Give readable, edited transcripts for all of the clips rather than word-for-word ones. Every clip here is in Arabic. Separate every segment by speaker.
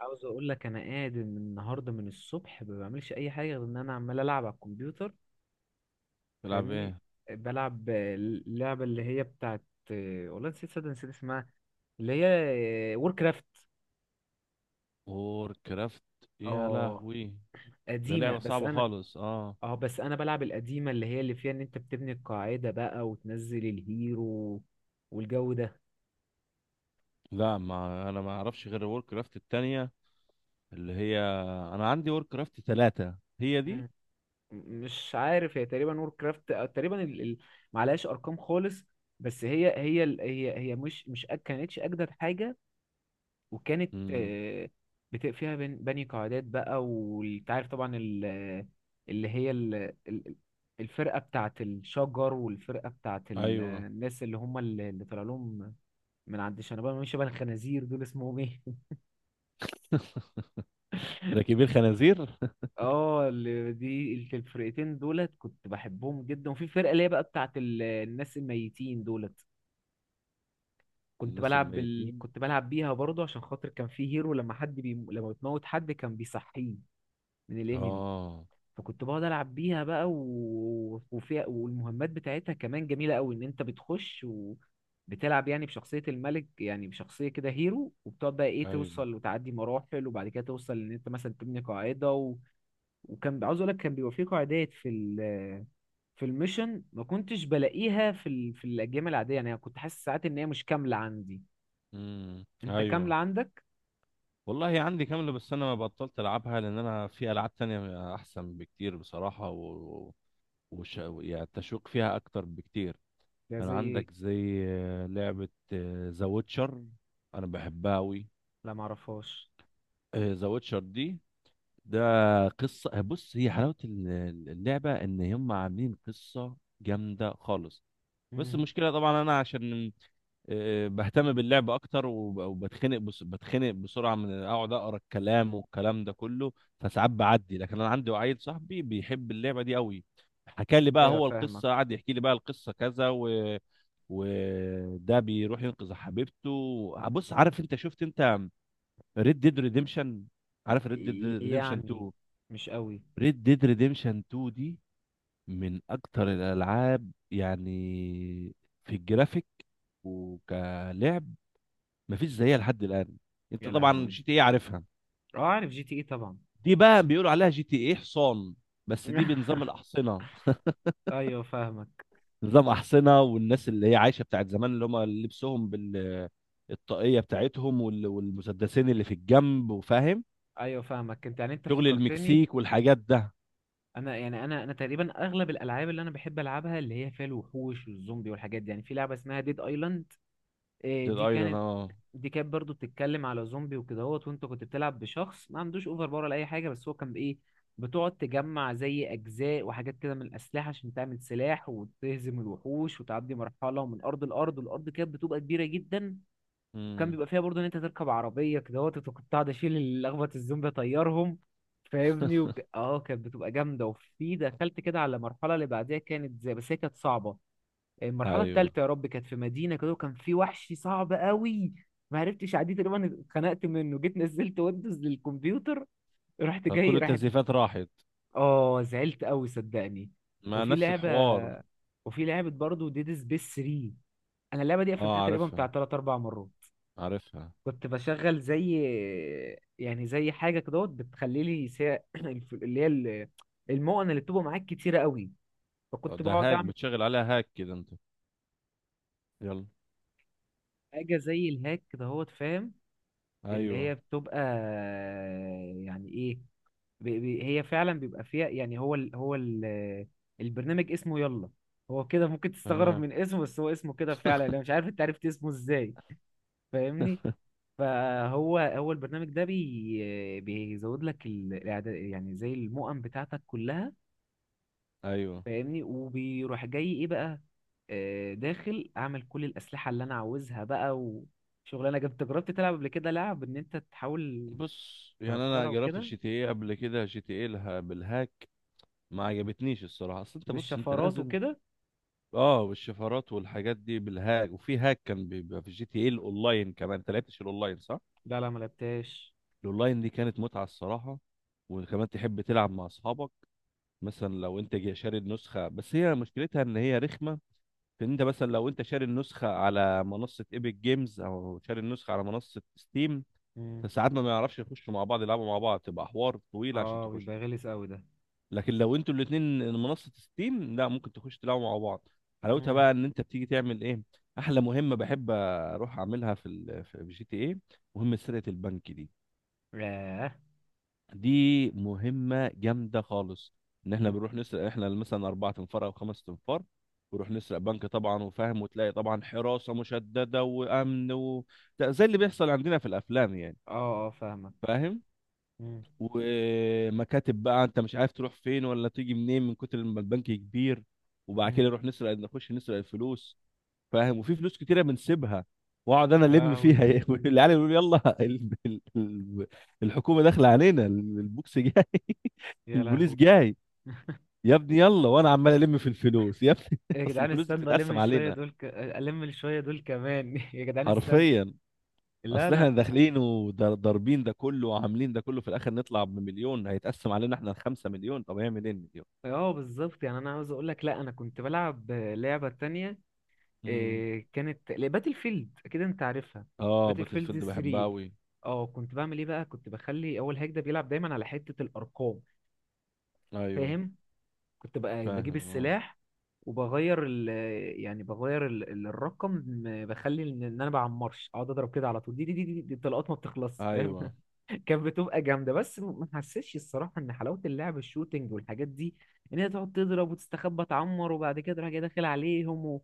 Speaker 1: عاوز اقول لك انا قاعد من النهارده من الصبح ما بعملش اي حاجه غير ان انا عمال العب على الكمبيوتر.
Speaker 2: تلعب
Speaker 1: فاهمني.
Speaker 2: ايه؟
Speaker 1: بلعب اللعبه اللي هي بتاعت والله نسيت، صدق نسيت اسمها، اللي هي وور كرافت.
Speaker 2: وور كرافت، يا
Speaker 1: اه
Speaker 2: لهوي، ده
Speaker 1: قديمه،
Speaker 2: لعبة
Speaker 1: بس
Speaker 2: صعبة
Speaker 1: انا،
Speaker 2: خالص، اه.
Speaker 1: اه بس انا بلعب القديمه اللي هي اللي فيها ان انت بتبني القاعده بقى وتنزل الهيرو والجو ده.
Speaker 2: لا، ما انا ما اعرفش غير وور كرافت التانية، اللي هي انا عندي وور كرافت 3 هي دي.
Speaker 1: مم. مش عارف، هي تقريبا وور كرافت تقريبا معلهاش ارقام خالص، بس هي مش كانتش اجدد حاجه وكانت
Speaker 2: امم
Speaker 1: فيها بني قاعدات بقى، وانت عارف طبعا اللي هي الفرقة بتاعت الشجر والفرقة بتاعت
Speaker 2: ايوه.
Speaker 1: الناس اللي هم اللي طلع لهم من عند شنبان، مش شبه الخنازير دول، اسمهم ايه
Speaker 2: راكبين خنازير
Speaker 1: اه اللي دي الفرقتين دولت كنت بحبهم جدا، وفي فرقة اللي هي بقى بتاعت الناس الميتين دولت،
Speaker 2: الناس الميتين.
Speaker 1: كنت بلعب بيها برضه عشان خاطر كان في هيرو، لما بتموت حد كان بيصحيه من الانمي.
Speaker 2: اه،
Speaker 1: فكنت بقعد العب بيها بقى وفيها والمهمات بتاعتها كمان جميله قوي، ان انت بتخش وبتلعب يعني بشخصيه الملك، يعني بشخصيه كده هيرو، وبتقعد بقى ايه،
Speaker 2: ايوه.
Speaker 1: توصل وتعدي مراحل، وبعد كده توصل ان انت مثلا تبني قاعده وكان. عاوز اقول لك كان بيبقى في قاعدات في الميشن ما كنتش بلاقيها في الاجيال العاديه، يعني أنا كنت حاسس ساعات ان هي مش كامله عندي، انت كامله
Speaker 2: ايوه،
Speaker 1: عندك.
Speaker 2: والله عندي كاملة، بس انا بطلت العبها لان انا في العاب تانية احسن بكتير بصراحة. و... يعني التشويق فيها اكتر بكتير.
Speaker 1: ده
Speaker 2: كان
Speaker 1: زي
Speaker 2: عندك
Speaker 1: ايه؟
Speaker 2: زي لعبة ذا ويتشر. أنا بحبها أوي.
Speaker 1: لا معرفهاش.
Speaker 2: ذا ويتشر دي، ده قصة. بص، هي حلاوة اللعبة إن هم عاملين قصة جامدة خالص. بس
Speaker 1: امم،
Speaker 2: المشكلة طبعا أنا عشان بهتم باللعب اكتر، وبتخنق، بس بتخنق بسرعه من اقعد اقرا الكلام والكلام ده كله. فساعات بعدي، لكن انا عندي عيل صاحبي بيحب اللعبه دي قوي. حكى لي بقى
Speaker 1: ايوه
Speaker 2: هو القصه،
Speaker 1: فاهمك.
Speaker 2: قعد يحكي لي بقى القصه كذا، و... وده بيروح ينقذ حبيبته. بص، عارف انت، شفت انت ريد ديد ريديمشن؟ عارف ريد ديد ريديمشن
Speaker 1: يعني
Speaker 2: 2؟
Speaker 1: مش قوي.
Speaker 2: ريد ديد ريديمشن 2 دي من اكتر الالعاب يعني في الجرافيك وكلعب، مفيش زيها لحد الان. انت
Speaker 1: يا
Speaker 2: طبعا
Speaker 1: لهوي.
Speaker 2: جي تي ايه عارفها؟
Speaker 1: اه عارف جي تي اي طبعا.
Speaker 2: دي بقى بيقولوا عليها جي تي ايه حصان، بس دي بنظام الاحصنه.
Speaker 1: ايوه فاهمك.
Speaker 2: نظام احصنه، والناس اللي هي عايشه بتاعت زمان، اللي هم لبسهم بال الطاقيه بتاعتهم والمسدسين اللي في الجنب وفاهم،
Speaker 1: ايوه فاهمك، انت يعني انت
Speaker 2: شغل
Speaker 1: فكرتني،
Speaker 2: المكسيك والحاجات ده.
Speaker 1: انا يعني انا تقريبا اغلب الالعاب اللي انا بحب العبها اللي هي فيها الوحوش والزومبي والحاجات دي، يعني في لعبه اسمها ديد ايلاند.
Speaker 2: ديد
Speaker 1: دي
Speaker 2: ايلاند،
Speaker 1: كانت،
Speaker 2: اه.
Speaker 1: دي كانت برضو بتتكلم على زومبي وكدهوت، وانت كنت بتلعب بشخص ما عندوش اوفر باور ولا اي حاجه، بس هو كان بايه، بتقعد تجمع زي اجزاء وحاجات كده من الاسلحه عشان تعمل سلاح وتهزم الوحوش وتعدي مرحله من ارض لارض، والارض كانت بتبقى كبيره جدا. وكان
Speaker 2: امم
Speaker 1: بيبقى فيها برضه ان انت تركب عربيه كده وكنت قاعد اشيل الاخبط الزومبي اطيرهم، فاهمني. اه كانت بتبقى جامده، وفي دخلت كده على المرحله اللي بعديها كانت زي، بس هي كانت صعبه. المرحله
Speaker 2: ايوه.
Speaker 1: الثالثه، يا رب، كانت في مدينه كده وكان في وحش صعب قوي، ما عرفتش عديه، تقريبا اتخنقت منه، جيت نزلت ويندوز للكمبيوتر. رحت جاي،
Speaker 2: فكل
Speaker 1: راحت.
Speaker 2: التزييفات راحت.
Speaker 1: اه زعلت قوي صدقني.
Speaker 2: ما
Speaker 1: وفي
Speaker 2: نفس
Speaker 1: لعبه،
Speaker 2: الحوار.
Speaker 1: وفي لعبه برضه ديد سبيس 3، انا اللعبه دي قفلتها
Speaker 2: اه،
Speaker 1: تقريبا بتاع
Speaker 2: عارفها،
Speaker 1: 3 4 مرات.
Speaker 2: عارفها.
Speaker 1: كنت بشغل زي، يعني زي حاجه كده بتخلي لي اللي هي المؤن اللي بتبقى معاك كتيره قوي، فكنت
Speaker 2: ده
Speaker 1: بقعد
Speaker 2: هاك
Speaker 1: اعمل
Speaker 2: بتشغل عليها، هاك كده انت. يلا.
Speaker 1: حاجه زي الهاك كده، فاهم. اللي
Speaker 2: ايوه،
Speaker 1: هي بتبقى، يعني ايه، هي فعلا بيبقى فيها، يعني هو ال، هو ال، البرنامج اسمه يلا. هو كده ممكن تستغرب
Speaker 2: تمام.
Speaker 1: من اسمه، بس هو اسمه كده فعلا، انا مش عارف انت عرفت اسمه ازاي، فاهمني. فهو هو البرنامج ده بي بيزود لك يعني زي المؤن بتاعتك كلها،
Speaker 2: ايوه.
Speaker 1: فاهمني. وبيروح جاي ايه بقى، داخل اعمل كل الاسلحه اللي انا عاوزها بقى. وشغلانه جبت، جربت تلعب قبل كده لعب ان انت تحاول
Speaker 2: بص، يعني انا
Speaker 1: تهكرها
Speaker 2: جربت
Speaker 1: وكده،
Speaker 2: الجي تي ايه قبل كده، جي تي ايه لها بالهاك. ما عجبتنيش الصراحه، اصل انت بص انت
Speaker 1: بالشفرات
Speaker 2: نازل.
Speaker 1: وكده؟
Speaker 2: اه، والشفرات والحاجات دي بالهاك، وفي هاك كان بيبقى في جي تي ايه الاونلاين كمان. انت لعبتش الاونلاين صح؟
Speaker 1: لا لا ما لعبتهاش.
Speaker 2: الاونلاين دي كانت متعه الصراحه. وكمان تحب تلعب مع اصحابك. مثلا لو انت جاي شاري النسخه، بس هي مشكلتها ان هي رخمه في ان انت مثلا لو انت شاري النسخه على منصه ايبك جيمز او شاري النسخه على منصه ستيم،
Speaker 1: مم.
Speaker 2: فساعات ما بيعرفش يخشوا مع بعض يلعبوا مع بعض، تبقى حوار طويل عشان
Speaker 1: اه
Speaker 2: تخش.
Speaker 1: بيبقى غلس قوي ده.
Speaker 2: لكن لو انتوا الاثنين منصه ستيم، لا، ممكن تخش تلعبوا مع بعض. حلاوتها
Speaker 1: مم.
Speaker 2: بقى ان انت بتيجي تعمل ايه. احلى مهمه بحب اروح اعملها في جي تي ايه، مهمه سرقه البنك دي.
Speaker 1: ياه.
Speaker 2: دي مهمه جامده خالص. ان احنا
Speaker 1: مم.
Speaker 2: بنروح نسرق، احنا مثلا اربعة انفار او خمسة انفار، بنروح نسرق بنك طبعا، وفاهم، وتلاقي طبعا حراسه مشدده وامن. و... ده زي اللي بيحصل عندنا في الافلام يعني.
Speaker 1: اه اه فاهمك.
Speaker 2: فاهم.
Speaker 1: مم.
Speaker 2: ومكاتب بقى، انت مش عارف تروح فين ولا تيجي منين من كتر ما البنك كبير. وبعد
Speaker 1: مم.
Speaker 2: كده نروح نسرق، نخش نسرق الفلوس. فاهم، وفي فلوس كتيره بنسيبها، واقعد انا
Speaker 1: يا
Speaker 2: الم
Speaker 1: لهوي.
Speaker 2: فيها. العيال يقولوا لي: يلا، الحكومه داخله علينا، البوكس جاي.
Speaker 1: يا
Speaker 2: البوليس
Speaker 1: لهوي.
Speaker 2: جاي. يا ابني يلا، وانا عمال الم في الفلوس يا ابني.
Speaker 1: يا
Speaker 2: اصل
Speaker 1: جدعان
Speaker 2: الفلوس دي
Speaker 1: استنى الم
Speaker 2: بتتقسم
Speaker 1: شويه
Speaker 2: علينا
Speaker 1: الم شويه دول كمان يا جدعان استنى.
Speaker 2: حرفيا.
Speaker 1: لا
Speaker 2: اصل احنا
Speaker 1: انا.
Speaker 2: داخلين وضاربين ده كله وعاملين ده كله، في الاخر نطلع بمليون هيتقسم علينا احنا الخمسة، مليون طب هيعمل ايه المليون؟
Speaker 1: اه بالظبط، يعني انا عاوز اقول لك، لا انا كنت بلعب لعبه تانية،
Speaker 2: امم
Speaker 1: إيه، كانت باتل فيلد، اكيد انت عارفها،
Speaker 2: اه،
Speaker 1: باتل
Speaker 2: باتل
Speaker 1: فيلد
Speaker 2: فيلد بحبها
Speaker 1: 3.
Speaker 2: قوي.
Speaker 1: اه كنت بعمل ايه بقى، كنت بخلي اول هيك ده بيلعب دايما على حته الارقام،
Speaker 2: ايوه،
Speaker 1: فاهم. كنت بقى بجيب
Speaker 2: فاهم، اه.
Speaker 1: السلاح وبغير ال... يعني بغير الرقم. بخلي ان إن انا بعمرش اقعد اضرب كده على طول، دي الطلقات ما بتخلص، فاهم.
Speaker 2: ايوه،
Speaker 1: كانت بتبقى جامده، بس ما حسيتش الصراحه ان حلاوه اللعب الشوتينج والحاجات دي، ان هي تقعد تضرب وتستخبى تعمر وبعد كده تروح جاي داخل عليهم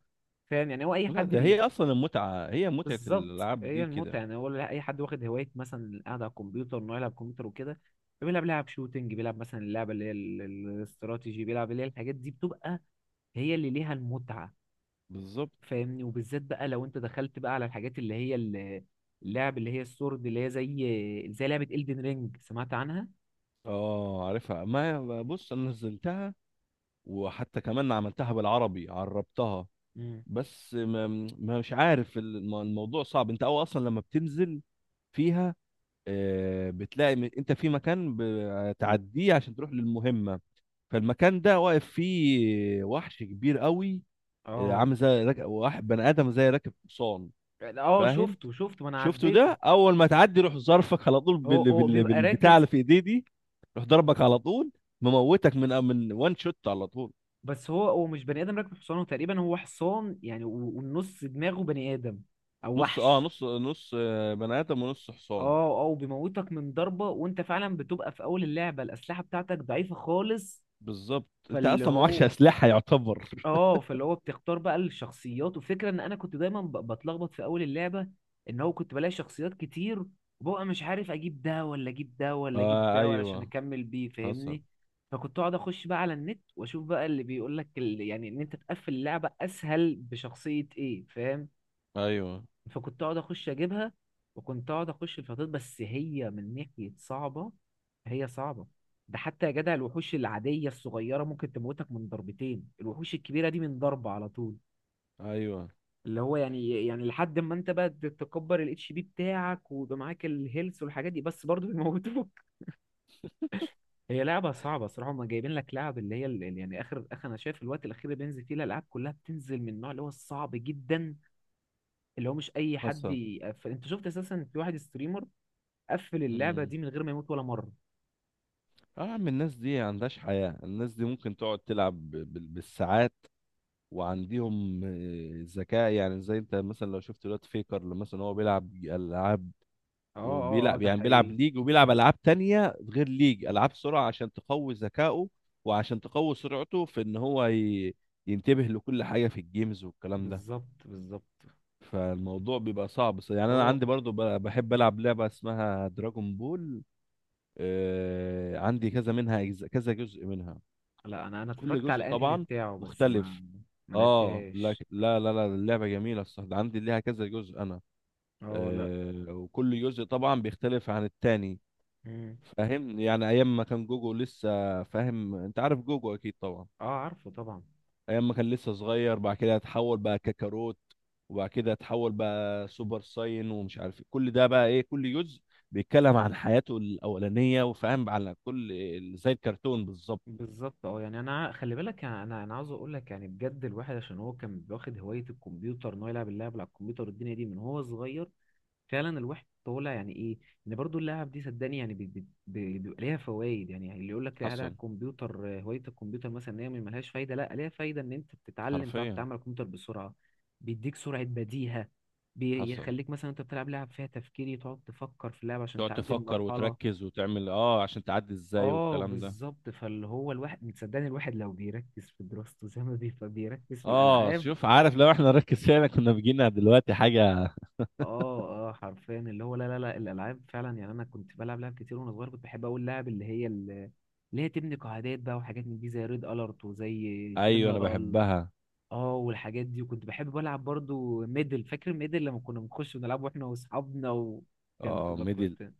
Speaker 1: فاهم، يعني هو اي
Speaker 2: لا،
Speaker 1: حد
Speaker 2: ده
Speaker 1: بي.
Speaker 2: هي اصلا المتعه، هي متعه
Speaker 1: بالظبط،
Speaker 2: الالعاب
Speaker 1: هي
Speaker 2: دي
Speaker 1: المتعه،
Speaker 2: كده.
Speaker 1: يعني هو اي حد واخد هوايه مثلا قاعد على الكمبيوتر انه يلعب كمبيوتر وكده، بيلعب لعب شوتينج، بيلعب مثلا اللعبه اللي هي الاستراتيجي، بيلعب اللي هي الحاجات دي، بتبقى هي اللي ليها المتعه،
Speaker 2: بالظبط.
Speaker 1: فاهمني. وبالذات بقى لو انت دخلت بقى على الحاجات اللي هي اللعب اللي هي السورد، اللي هي زي زي لعبه إلدن رينج، سمعت عنها؟
Speaker 2: اه، عارفها. ما هي- بص انا نزلتها، وحتى كمان عملتها بالعربي، عربتها.
Speaker 1: مم.
Speaker 2: بس ما، مش عارف، الموضوع صعب، انت او اصلا لما بتنزل فيها بتلاقي، انت في مكان بتعديه عشان تروح للمهمه، فالمكان ده واقف فيه وحش كبير قوي،
Speaker 1: اه
Speaker 2: عامل زي واحد بني ادم زي راكب حصان.
Speaker 1: اه
Speaker 2: فاهم.
Speaker 1: شفته شفته، ما انا
Speaker 2: شفته ده،
Speaker 1: عديته.
Speaker 2: اول ما تعدي روح ظرفك على طول
Speaker 1: هو هو بيبقى
Speaker 2: بالبتاع
Speaker 1: راكب،
Speaker 2: اللي في ايديه دي، روح ضربك على طول، مموتك من وان شوت على طول.
Speaker 1: بس هو هو مش بني ادم راكب حصان، هو تقريبا هو حصان يعني، والنص دماغه بني ادم او
Speaker 2: نص اه
Speaker 1: وحش.
Speaker 2: نص نص آه، بني ادم ونص حصان.
Speaker 1: اه اه بيموتك من ضربة، وانت فعلا بتبقى في اول اللعبة الاسلحة بتاعتك ضعيفة خالص.
Speaker 2: بالظبط، انت
Speaker 1: فاللي
Speaker 2: اصلا ما معكش
Speaker 1: هو،
Speaker 2: اسلحه يعتبر.
Speaker 1: اه فاللي هو بتختار بقى الشخصيات، وفكرة ان انا كنت دايما بتلخبط في اول اللعبة ان هو كنت بلاقي شخصيات كتير، وببقى مش عارف اجيب ده ولا اجيب ده ولا اجيب ده
Speaker 2: آه،
Speaker 1: علشان
Speaker 2: ايوه.
Speaker 1: اكمل بيه،
Speaker 2: حصل.
Speaker 1: فاهمني. فكنت اقعد اخش بقى على النت واشوف بقى اللي بيقول لك يعني ان انت تقفل اللعبة اسهل بشخصية ايه، فاهم.
Speaker 2: ايوه،
Speaker 1: فكنت اقعد اخش اجيبها. وكنت اقعد اخش الفطاطير، بس هي من ناحيه صعبه، هي صعبه. ده حتى يا جدع الوحوش العاديه الصغيره ممكن تموتك من ضربتين، الوحوش الكبيره دي من ضربه على طول.
Speaker 2: ايوه،
Speaker 1: اللي هو يعني، يعني لحد ما انت بقى تكبر الاتش بي بتاعك ويبقى معاك الهيلث والحاجات دي، بس برضه بيموتوك هي لعبه صعبه صراحه، هم جايبين لك لعب اللي هي يعني اخر، اخر انا شايف الوقت الاخير اللي بينزل فيه الالعاب كلها بتنزل من النوع اللي هو الصعب جدا، اللي هو مش اي حد
Speaker 2: حصل.
Speaker 1: انت شفت اساسا في واحد ستريمر قفل اللعبه
Speaker 2: امم
Speaker 1: دي من غير ما يموت ولا مره.
Speaker 2: اه، يا عم، الناس دي عندهاش حياه، الناس دي ممكن تقعد تلعب بالساعات. وعندهم ذكاء، يعني زي انت مثلا لو شفت دلوقتي فيكر لما مثلا هو بيلعب العاب،
Speaker 1: اه اه اه
Speaker 2: وبيلعب،
Speaker 1: ده
Speaker 2: يعني بيلعب
Speaker 1: حقيقي.
Speaker 2: ليج، وبيلعب العاب تانية غير ليج، العاب سرعة عشان تقوي ذكائه، وعشان تقوي سرعته في ان هو ينتبه لكل حاجة في الجيمز والكلام ده.
Speaker 1: بالظبط بالظبط.
Speaker 2: فالموضوع بيبقى صعب. يعني انا
Speaker 1: هو،
Speaker 2: عندي برضو، بحب العب لعبة اسمها دراجون بول. عندي كذا منها كذا جزء منها،
Speaker 1: لا انا، انا
Speaker 2: كل
Speaker 1: اتفرجت
Speaker 2: جزء
Speaker 1: على الانمي
Speaker 2: طبعا
Speaker 1: بتاعه بس
Speaker 2: مختلف.
Speaker 1: ما، ما
Speaker 2: اه،
Speaker 1: لعبتهاش.
Speaker 2: لك، لا، لا، لا، اللعبه جميله الصراحه، ده عندي ليها كذا جزء انا.
Speaker 1: اه لا.
Speaker 2: وكل جزء طبعا بيختلف عن التاني.
Speaker 1: مم.
Speaker 2: فاهم، يعني ايام ما كان جوجو لسه، فاهم انت عارف جوجو اكيد طبعا،
Speaker 1: اه عارفه طبعا.
Speaker 2: ايام ما كان لسه صغير، بعد كده اتحول بقى كاكاروت، وبعد كده اتحول بقى سوبر ساين ومش عارف إيه. كل ده بقى ايه، كل جزء بيتكلم عن حياته الاولانيه وفاهم على كل، زي الكرتون بالظبط.
Speaker 1: بالظبط، اه يعني انا خلي بالك، انا انا أنا عاوز اقول لك يعني بجد، الواحد عشان هو كان واخد هوايه الكمبيوتر، ان هو يلعب اللعب على الكمبيوتر والدنيا دي من هو صغير، فعلا الواحد طالع يعني ايه، ان برضو اللعب دي صدقني يعني بيبقى ليها فوائد، يعني يعني اللي يقول لك لا ده على
Speaker 2: حصل
Speaker 1: الكمبيوتر هوايه الكمبيوتر مثلا ان هي ملهاش فايده، لا ليها فايده، ان انت بتتعلم تعرف
Speaker 2: حرفيا.
Speaker 1: تتعامل على الكمبيوتر بسرعه، بيديك سرعه بديهه،
Speaker 2: حصل.
Speaker 1: بيخليك مثلا انت بتلعب لعب فيها تفكيري، تقعد تفكر في اللعب عشان
Speaker 2: تقعد
Speaker 1: تعدي
Speaker 2: تفكر
Speaker 1: المرحله.
Speaker 2: وتركز وتعمل، اه، عشان تعدي ازاي
Speaker 1: اه
Speaker 2: والكلام ده.
Speaker 1: بالظبط، فاللي هو الواحد صدقني، الواحد لو بيركز في دراسته زي ما بيركز في
Speaker 2: اه،
Speaker 1: الالعاب.
Speaker 2: شوف، عارف لو احنا نركز فيها كنا بيجينا دلوقتي حاجة.
Speaker 1: اه اه حرفيا، اللي هو لا لا لا، الالعاب فعلا. يعني انا كنت بلعب لعب كتير وانا صغير، كنت بحب اقول لعب اللي هي اللي هي تبني قاعدات بقى وحاجات من دي، زي ريد الارت وزي
Speaker 2: ايوه، انا
Speaker 1: جنرال.
Speaker 2: بحبها.
Speaker 1: اه والحاجات دي. وكنت بحب بلعب برضو ميدل، فاكر ميدل لما كنا بنخش ونلعب واحنا واصحابنا، وكانت
Speaker 2: اه،
Speaker 1: بتبقى
Speaker 2: ميدل.
Speaker 1: كنت،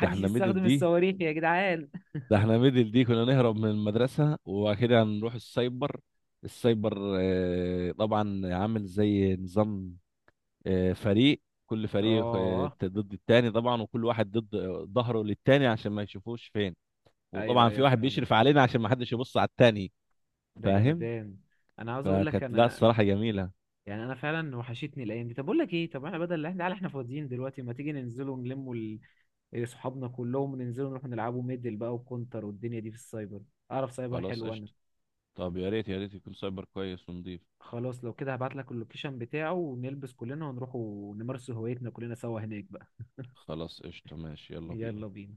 Speaker 2: ده احنا ميدل
Speaker 1: يستخدم
Speaker 2: دي،
Speaker 1: الصواريخ يا جدعان.
Speaker 2: ده احنا ميدل دي كنا نهرب من المدرسة وكده هنروح السايبر. السايبر طبعا عامل زي نظام، فريق، كل فريق
Speaker 1: اه
Speaker 2: ضد التاني طبعا، وكل واحد ضد ظهره للتاني عشان ما يشوفوش فين،
Speaker 1: ايوه
Speaker 2: وطبعا في
Speaker 1: ايوه
Speaker 2: واحد
Speaker 1: فاهمك،
Speaker 2: بيشرف علينا عشان ما حدش يبص على التاني.
Speaker 1: ده
Speaker 2: فاهم.
Speaker 1: جمدان. انا عاوز اقول لك
Speaker 2: فكانت، لا،
Speaker 1: انا،
Speaker 2: الصراحة جميلة.
Speaker 1: يعني انا فعلا وحشتني الايام دي. طب اقول لك ايه، طب احنا بدل احنا، تعالى احنا فاضيين دلوقتي، ما تيجي ننزلوا ونلموا إيه، صحابنا كلهم، ننزلوا نروح نلعبوا ميدل بقى وكونتر والدنيا دي في السايبر، اعرف سايبر
Speaker 2: خلاص،
Speaker 1: حلو انا.
Speaker 2: قشطة. طب يا ريت يا ريت يكون سايبر كويس ونضيف.
Speaker 1: خلاص لو كده هبعت لك اللوكيشن بتاعه، ونلبس كلنا ونروح ونمارس هوايتنا كلنا سوا هناك بقى.
Speaker 2: خلاص، قشطة، ماشي، يلا
Speaker 1: يلا
Speaker 2: بينا.
Speaker 1: بينا.